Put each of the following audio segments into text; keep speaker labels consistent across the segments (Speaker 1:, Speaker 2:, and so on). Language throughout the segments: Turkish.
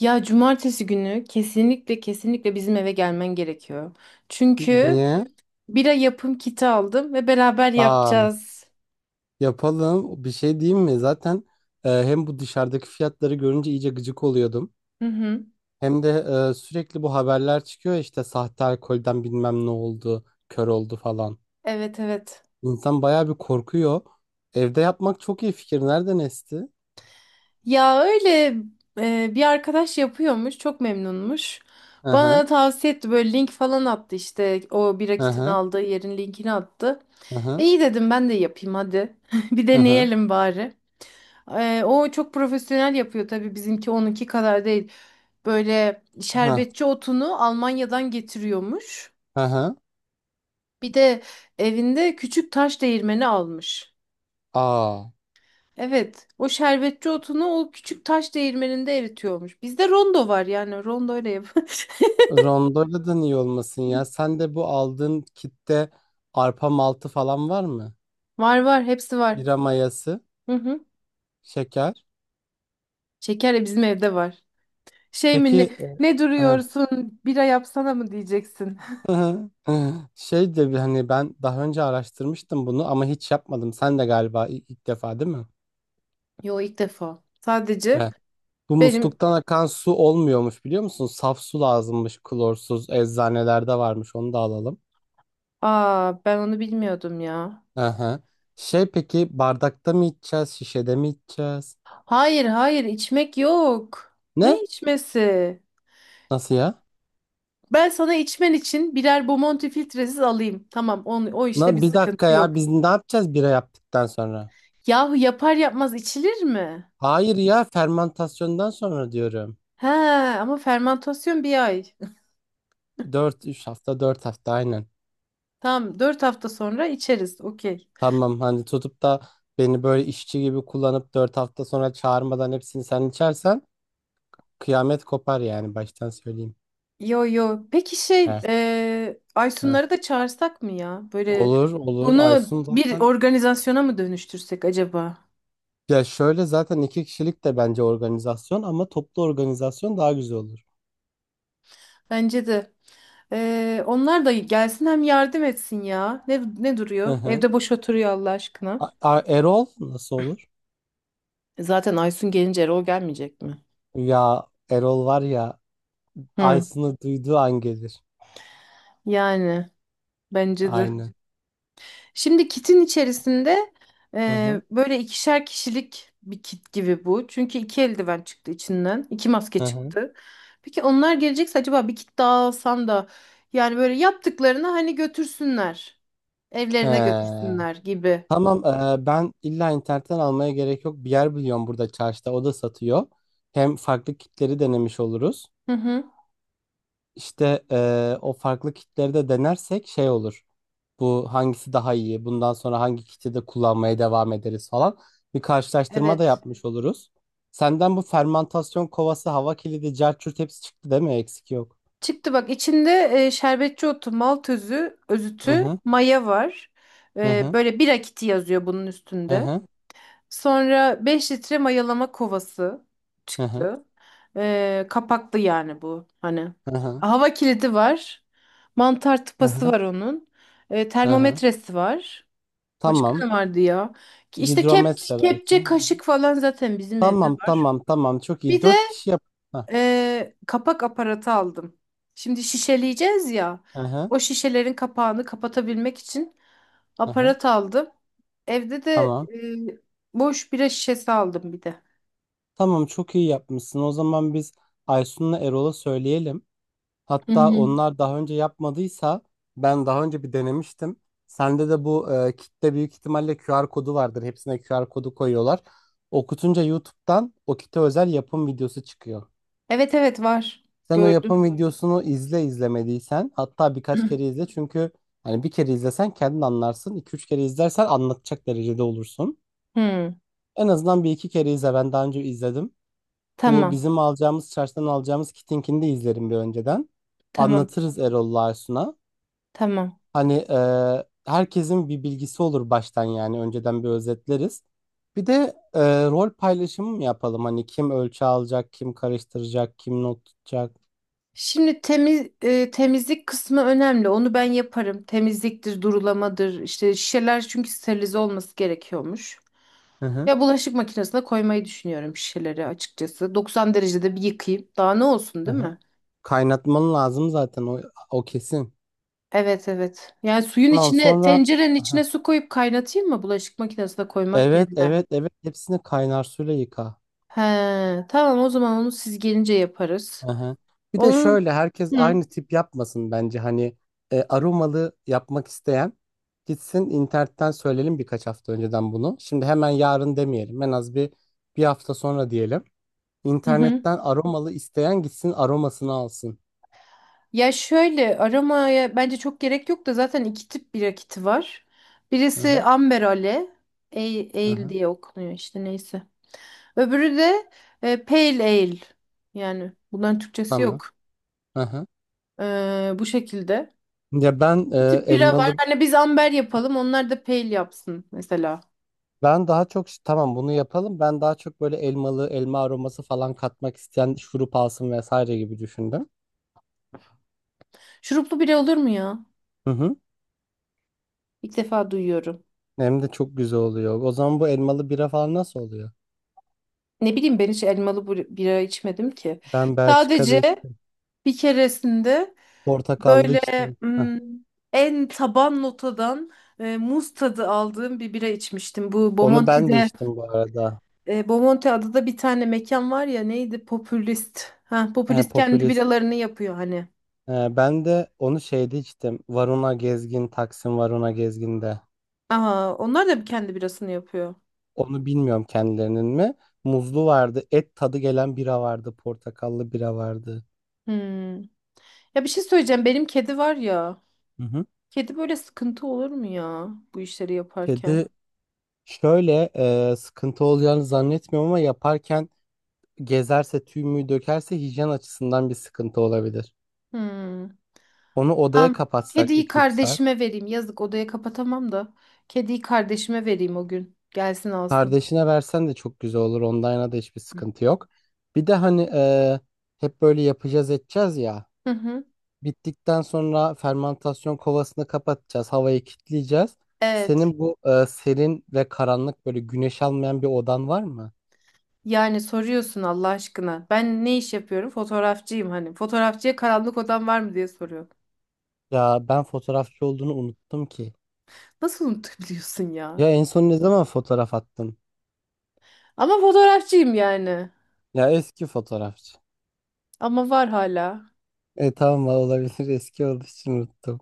Speaker 1: Ya cumartesi günü kesinlikle kesinlikle bizim eve gelmen gerekiyor. Çünkü
Speaker 2: Niye?
Speaker 1: bira yapım kiti aldım ve beraber
Speaker 2: Aa,
Speaker 1: yapacağız.
Speaker 2: yapalım. Bir şey diyeyim mi? Zaten hem bu dışarıdaki fiyatları görünce iyice gıcık oluyordum.
Speaker 1: Hı hı.
Speaker 2: Hem de sürekli bu haberler çıkıyor ya işte sahte alkolden bilmem ne oldu, kör oldu falan.
Speaker 1: Evet, evet.
Speaker 2: İnsan bayağı bir korkuyor. Evde yapmak çok iyi fikir. Nereden esti?
Speaker 1: Ya öyle bir arkadaş yapıyormuş, çok memnunmuş.
Speaker 2: Hı
Speaker 1: Bana
Speaker 2: hı.
Speaker 1: da tavsiye etti, böyle link falan attı, işte o bira
Speaker 2: Hı
Speaker 1: kitini
Speaker 2: hı.
Speaker 1: aldığı yerin linkini attı.
Speaker 2: Hı
Speaker 1: E,
Speaker 2: hı.
Speaker 1: İyi dedim, ben de yapayım hadi. Bir
Speaker 2: Hı hı.
Speaker 1: deneyelim bari. O çok profesyonel yapıyor tabii, bizimki onunki kadar değil. Böyle
Speaker 2: Hı
Speaker 1: şerbetçi otunu Almanya'dan getiriyormuş.
Speaker 2: hı. Hı.
Speaker 1: Bir de evinde küçük taş değirmeni almış.
Speaker 2: Aa.
Speaker 1: Evet, o şerbetçi otunu o küçük taş değirmeninde eritiyormuş. Bizde rondo var, yani rondo ile yap.
Speaker 2: Rondoladan iyi olmasın ya. Sen de bu aldığın kitte arpa maltı falan var mı?
Speaker 1: Var var, hepsi var.
Speaker 2: Bira mayası,
Speaker 1: Hı hı.
Speaker 2: şeker.
Speaker 1: Şeker de bizim evde var. Şey mi ne,
Speaker 2: Peki
Speaker 1: ne duruyorsun bira yapsana mı diyeceksin?
Speaker 2: e, şey de bir hani ben daha önce araştırmıştım bunu ama hiç yapmadım. Sen de galiba ilk defa değil mi?
Speaker 1: Yo, ilk defa. Sadece
Speaker 2: Evet. Bu
Speaker 1: benim.
Speaker 2: musluktan akan su olmuyormuş biliyor musun? Saf su lazımmış, klorsuz, eczanelerde varmış, onu da alalım.
Speaker 1: Aa, ben onu bilmiyordum ya.
Speaker 2: Aha. Şey, peki bardakta mı içeceğiz, şişede mi içeceğiz?
Speaker 1: Hayır, hayır, içmek yok.
Speaker 2: Ne?
Speaker 1: Ne içmesi?
Speaker 2: Nasıl ya?
Speaker 1: Ben sana içmen için birer Bomonti filtresiz alayım. Tamam, o işte bir
Speaker 2: Na, bir dakika
Speaker 1: sıkıntı
Speaker 2: ya,
Speaker 1: yok.
Speaker 2: biz ne yapacağız bira yaptıktan sonra?
Speaker 1: Yahu yapar yapmaz içilir mi?
Speaker 2: Hayır ya, fermentasyondan sonra diyorum.
Speaker 1: He, ama fermantasyon bir ay.
Speaker 2: Dört, üç hafta, 4 hafta, aynen.
Speaker 1: Tamam, 4 hafta sonra içeriz. Okey.
Speaker 2: Tamam, hani tutup da beni böyle işçi gibi kullanıp 4 hafta sonra çağırmadan hepsini sen içersen kıyamet kopar, yani baştan söyleyeyim.
Speaker 1: Yo yo. Peki
Speaker 2: Heh, heh.
Speaker 1: Aysunları da çağırsak mı ya? Böyle
Speaker 2: Olur olur,
Speaker 1: bunu
Speaker 2: Aysun
Speaker 1: bir
Speaker 2: zaten,
Speaker 1: organizasyona mı dönüştürsek acaba?
Speaker 2: ya şöyle, zaten iki kişilik de bence organizasyon ama toplu organizasyon daha güzel olur.
Speaker 1: Bence de. Onlar da gelsin, hem yardım etsin ya. Ne
Speaker 2: Hı
Speaker 1: duruyor?
Speaker 2: hı.
Speaker 1: Evde boş oturuyor Allah aşkına.
Speaker 2: A- A- Erol nasıl olur?
Speaker 1: Zaten Aysun gelince Erol gelmeyecek mi?
Speaker 2: Ya Erol var ya,
Speaker 1: Hı.
Speaker 2: Aysun'u duyduğu an gelir.
Speaker 1: Yani bence de.
Speaker 2: Aynen.
Speaker 1: Şimdi kitin içerisinde
Speaker 2: Hı hı.
Speaker 1: böyle ikişer kişilik bir kit gibi bu. Çünkü iki eldiven çıktı içinden. İki maske
Speaker 2: Hı hı.
Speaker 1: çıktı. Peki onlar gelecekse acaba bir kit daha alsam da, yani böyle yaptıklarını hani götürsünler.
Speaker 2: He.
Speaker 1: Evlerine götürsünler gibi.
Speaker 2: Tamam, ben illa internetten almaya gerek yok. Bir yer biliyorum burada çarşıda, o da satıyor. Hem farklı kitleri denemiş oluruz.
Speaker 1: Hı hı.
Speaker 2: İşte o farklı kitleri de denersek şey olur. Bu hangisi daha iyi? Bundan sonra hangi kiti de kullanmaya devam ederiz falan. Bir karşılaştırma da
Speaker 1: Evet.
Speaker 2: yapmış oluruz. Senden bu fermantasyon kovası, hava kilidi, carçurt, hepsi çıktı değil mi? Eksik yok.
Speaker 1: Çıktı, bak içinde şerbetçi otu, malt özü,
Speaker 2: Hı
Speaker 1: özütü,
Speaker 2: hı,
Speaker 1: maya var.
Speaker 2: hı
Speaker 1: E,
Speaker 2: hı,
Speaker 1: böyle bir akiti yazıyor bunun
Speaker 2: hı
Speaker 1: üstünde.
Speaker 2: hı,
Speaker 1: Sonra 5 litre mayalama kovası
Speaker 2: hı hı,
Speaker 1: çıktı. Kapaklı yani bu, hani.
Speaker 2: hı
Speaker 1: Hava kilidi var. Mantar
Speaker 2: hı,
Speaker 1: tıpası
Speaker 2: hı.
Speaker 1: var onun. E,
Speaker 2: Hı hı.
Speaker 1: termometresi var. Başka
Speaker 2: Tamam.
Speaker 1: ne vardı ya? Ki İşte
Speaker 2: Hidrometre belki.
Speaker 1: kepçe, kaşık falan zaten bizim evde
Speaker 2: Tamam
Speaker 1: var.
Speaker 2: tamam tamam, çok iyi.
Speaker 1: Bir de
Speaker 2: Dört kişi yap. Heh.
Speaker 1: kapak aparatı aldım. Şimdi şişeleyeceğiz ya.
Speaker 2: Aha,
Speaker 1: O şişelerin kapağını kapatabilmek için
Speaker 2: aha,
Speaker 1: aparat aldım. Evde de
Speaker 2: tamam.
Speaker 1: boş bira şişesi aldım bir de.
Speaker 2: Tamam, çok iyi yapmışsın. O zaman biz Aysun'la Erol'a söyleyelim.
Speaker 1: Hı
Speaker 2: Hatta
Speaker 1: hı.
Speaker 2: onlar daha önce yapmadıysa, ben daha önce bir denemiştim. Sende de bu kitle büyük ihtimalle QR kodu vardır. Hepsine QR kodu koyuyorlar. Okutunca YouTube'dan o kite özel yapım videosu çıkıyor.
Speaker 1: Evet, evet, var.
Speaker 2: Sen o
Speaker 1: Gördüm.
Speaker 2: yapım videosunu izle, izlemediysen hatta birkaç kere izle, çünkü hani bir kere izlesen kendin anlarsın. İki üç kere izlersen anlatacak derecede olursun.
Speaker 1: Hmm,
Speaker 2: En azından bir iki kere izle. Ben daha önce izledim. Bu
Speaker 1: tamam,
Speaker 2: bizim alacağımız, çarşıdan alacağımız Kitink'ini de izlerim bir önceden.
Speaker 1: tamam,
Speaker 2: Anlatırız Erol'la Aysun'a.
Speaker 1: tamam.
Speaker 2: Hani herkesin bir bilgisi olur baştan yani. Önceden bir özetleriz. Bir de rol paylaşımı mı yapalım? Hani kim ölçü alacak, kim karıştıracak, kim not tutacak.
Speaker 1: Şimdi temizlik kısmı önemli. Onu ben yaparım. Temizliktir, durulamadır. İşte şişeler, çünkü sterilize olması gerekiyormuş.
Speaker 2: Hı hı.
Speaker 1: Ya bulaşık makinesine koymayı düşünüyorum şişeleri, açıkçası. 90 derecede bir yıkayayım. Daha ne olsun,
Speaker 2: Hı
Speaker 1: değil
Speaker 2: hı.
Speaker 1: mi?
Speaker 2: Kaynatman lazım zaten o kesin.
Speaker 1: Evet, evet. Yani suyun
Speaker 2: Tamam
Speaker 1: içine,
Speaker 2: sonra...
Speaker 1: tencerenin
Speaker 2: Aha.
Speaker 1: içine su koyup kaynatayım mı bulaşık makinesine koymak
Speaker 2: Evet,
Speaker 1: yerine?
Speaker 2: evet, evet. Hepsini kaynar suyla yıka.
Speaker 1: He, tamam, o zaman onu siz gelince yaparız.
Speaker 2: Aha. Bir de
Speaker 1: Onun.
Speaker 2: şöyle, herkes
Speaker 1: Hı,
Speaker 2: aynı tip yapmasın bence. Hani aromalı yapmak isteyen gitsin internetten, söyleyelim birkaç hafta önceden bunu. Şimdi hemen yarın demeyelim, en az bir hafta sonra diyelim.
Speaker 1: hı hı.
Speaker 2: İnternetten aromalı isteyen gitsin aromasını alsın.
Speaker 1: Ya şöyle, aramaya bence çok gerek yok da, zaten iki tip bir rakiti var. Birisi
Speaker 2: Aha,
Speaker 1: Amber Ale, Ale
Speaker 2: aha,
Speaker 1: diye okunuyor işte, neyse. Öbürü de pale ale. Yani bunların Türkçesi
Speaker 2: tamam.
Speaker 1: yok.
Speaker 2: Aha.
Speaker 1: Bu şekilde.
Speaker 2: Ya ben
Speaker 1: Bir tip bira var.
Speaker 2: elmalı,
Speaker 1: Hani biz amber yapalım. Onlar da pale yapsın mesela.
Speaker 2: ben daha çok, tamam bunu yapalım, ben daha çok böyle elmalı, elma aroması falan katmak isteyen şurup alsın vesaire gibi düşündüm.
Speaker 1: Şuruplu bira olur mu ya?
Speaker 2: Hı hı.
Speaker 1: İlk defa duyuyorum.
Speaker 2: Hem de çok güzel oluyor. O zaman bu elmalı bira falan nasıl oluyor?
Speaker 1: Ne bileyim, ben hiç elmalı bira içmedim ki.
Speaker 2: Ben Belçika'da
Speaker 1: Sadece
Speaker 2: içtim.
Speaker 1: bir keresinde
Speaker 2: Portakallı
Speaker 1: böyle
Speaker 2: içtim. Heh.
Speaker 1: hmm, en taban notadan muz tadı aldığım bir bira içmiştim. Bu
Speaker 2: Onu ben de
Speaker 1: Bomonti'de.
Speaker 2: içtim bu arada.
Speaker 1: Bomonti adada bir tane mekan var ya, neydi? Popülist. Ha,
Speaker 2: He,
Speaker 1: popülist kendi
Speaker 2: popülist.
Speaker 1: biralarını yapıyor hani.
Speaker 2: He, ben de onu şeyde içtim. Varuna Gezgin, Taksim Varuna Gezgin'de.
Speaker 1: Aha, onlar da bir kendi birasını yapıyor.
Speaker 2: Onu bilmiyorum kendilerinin mi. Muzlu vardı. Et tadı gelen bira vardı. Portakallı bira vardı.
Speaker 1: Hmm. Ya bir şey söyleyeceğim. Benim kedi var ya.
Speaker 2: Hı hı.
Speaker 1: Kedi böyle sıkıntı olur mu ya bu işleri yaparken?
Speaker 2: Kedi şöyle, sıkıntı olacağını zannetmiyorum ama yaparken gezerse, tüy mü dökerse, hijyen açısından bir sıkıntı olabilir.
Speaker 1: Hmm.
Speaker 2: Onu odaya
Speaker 1: Tamam.
Speaker 2: kapatsak
Speaker 1: Kediyi
Speaker 2: iki üç saat.
Speaker 1: kardeşime vereyim. Yazık, odaya kapatamam da. Kediyi kardeşime vereyim o gün. Gelsin alsın.
Speaker 2: Kardeşine versen de çok güzel olur. Online'a da hiçbir sıkıntı yok. Bir de hani hep böyle yapacağız edeceğiz ya.
Speaker 1: Hı hı.
Speaker 2: Bittikten sonra fermantasyon kovasını kapatacağız. Havayı kilitleyeceğiz.
Speaker 1: Evet.
Speaker 2: Senin bu serin ve karanlık, böyle güneş almayan bir odan var mı?
Speaker 1: Yani soruyorsun Allah aşkına. Ben ne iş yapıyorum? Fotoğrafçıyım hani. Fotoğrafçıya karanlık odam var mı diye soruyor.
Speaker 2: Ya ben fotoğrafçı olduğunu unuttum ki.
Speaker 1: Nasıl unutabiliyorsun ya?
Speaker 2: Ya en son ne zaman fotoğraf attın?
Speaker 1: Ama fotoğrafçıyım yani.
Speaker 2: Ya eski fotoğrafçı.
Speaker 1: Ama var hala.
Speaker 2: E tamam, olabilir eski olduğu için unuttum.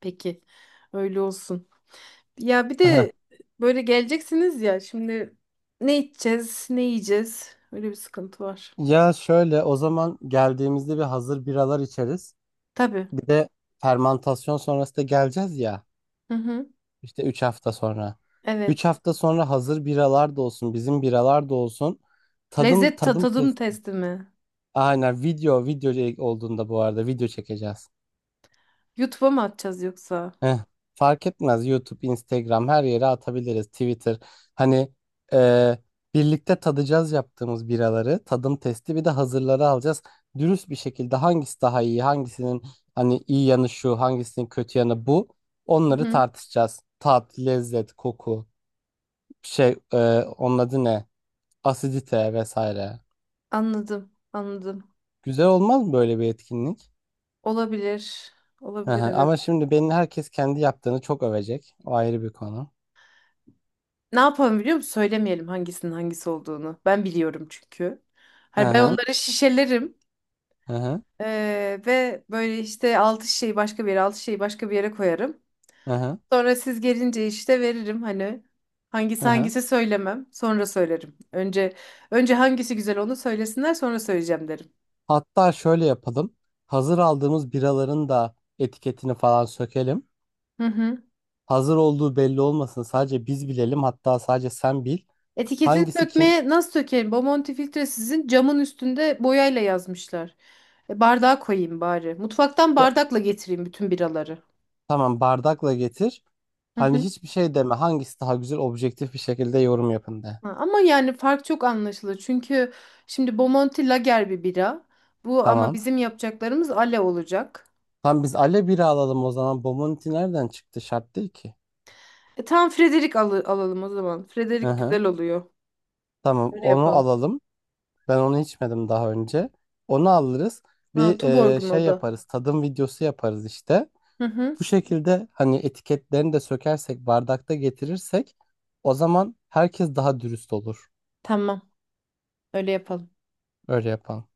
Speaker 1: Peki. Öyle olsun. Ya bir de böyle geleceksiniz ya. Şimdi ne içeceğiz, ne yiyeceğiz? Öyle bir sıkıntı var.
Speaker 2: Ya şöyle, o zaman geldiğimizde bir hazır biralar içeriz.
Speaker 1: Tabii.
Speaker 2: Bir de fermantasyon sonrası da geleceğiz ya,
Speaker 1: Hı hı.
Speaker 2: işte 3 hafta sonra. 3
Speaker 1: Evet.
Speaker 2: hafta sonra hazır biralar da olsun, bizim biralar da olsun. Tadım,
Speaker 1: Lezzet
Speaker 2: tadım
Speaker 1: tadım
Speaker 2: testi.
Speaker 1: testi mi?
Speaker 2: Aynen, video olduğunda bu arada, video çekeceğiz.
Speaker 1: YouTube'a mı atacağız yoksa?
Speaker 2: Eh, fark etmez. YouTube, Instagram, her yere atabiliriz. Twitter. Hani e, birlikte tadacağız yaptığımız biraları. Tadım testi, bir de hazırları alacağız. Dürüst bir şekilde hangisi daha iyi, hangisinin hani iyi yanı şu, hangisinin kötü yanı bu.
Speaker 1: Hı
Speaker 2: Onları
Speaker 1: hı.
Speaker 2: tartışacağız. Tat, lezzet, koku, şey, onun adı ne? Asidite vesaire.
Speaker 1: Anladım, anladım.
Speaker 2: Güzel olmaz mı böyle bir etkinlik?
Speaker 1: Olabilir.
Speaker 2: Hı hı.
Speaker 1: Olabilir,
Speaker 2: Ama
Speaker 1: evet.
Speaker 2: şimdi benim herkes kendi yaptığını çok övecek. O ayrı bir konu.
Speaker 1: Ne yapalım, biliyor musun? Söylemeyelim hangisinin hangisi olduğunu. Ben biliyorum çünkü.
Speaker 2: Hı
Speaker 1: Hani ben
Speaker 2: hı.
Speaker 1: onları şişelerim.
Speaker 2: Hı hı.
Speaker 1: Ve böyle işte altı şişeyi başka bir yere, altı şişeyi başka bir yere koyarım.
Speaker 2: Hı hı.
Speaker 1: Sonra siz gelince işte veririm, hani
Speaker 2: Hı
Speaker 1: hangisi
Speaker 2: hı.
Speaker 1: hangisi söylemem. Sonra söylerim. Önce hangisi güzel onu söylesinler, sonra söyleyeceğim derim.
Speaker 2: Hatta şöyle yapalım. Hazır aldığımız biraların da etiketini falan sökelim.
Speaker 1: Hı hı.
Speaker 2: Hazır olduğu belli olmasın. Sadece biz bilelim. Hatta sadece sen bil.
Speaker 1: Etiketini
Speaker 2: Hangisi kim?
Speaker 1: sökmeye nasıl sökerim? Bomonti filtre sizin camın üstünde boyayla yazmışlar. Bardağa koyayım bari. Mutfaktan
Speaker 2: Da-
Speaker 1: bardakla getireyim bütün biraları.
Speaker 2: tamam, bardakla getir. Hani hiçbir şey deme. Hangisi daha güzel, objektif bir şekilde yorum yapın de.
Speaker 1: Ha, ama yani fark çok anlaşılır. Çünkü şimdi Bomonti lager bir bira. Bu ama
Speaker 2: Tamam.
Speaker 1: bizim yapacaklarımız ale olacak.
Speaker 2: Tamam, biz Ale bira alalım o zaman. Bomonti nereden çıktı? Şart değil ki.
Speaker 1: Tamam Frederick alalım o zaman.
Speaker 2: Hı
Speaker 1: Frederick
Speaker 2: hı.
Speaker 1: güzel oluyor.
Speaker 2: Tamam,
Speaker 1: Öyle
Speaker 2: onu
Speaker 1: yapalım.
Speaker 2: alalım. Ben onu içmedim daha önce. Onu alırız.
Speaker 1: Ha,
Speaker 2: Bir
Speaker 1: Tuborg'un o
Speaker 2: şey
Speaker 1: da.
Speaker 2: yaparız. Tadım videosu yaparız işte.
Speaker 1: Hı hı.
Speaker 2: Bu şekilde hani etiketlerini de sökersek, bardakta getirirsek o zaman herkes daha dürüst olur.
Speaker 1: Tamam. Öyle yapalım.
Speaker 2: Öyle yapan.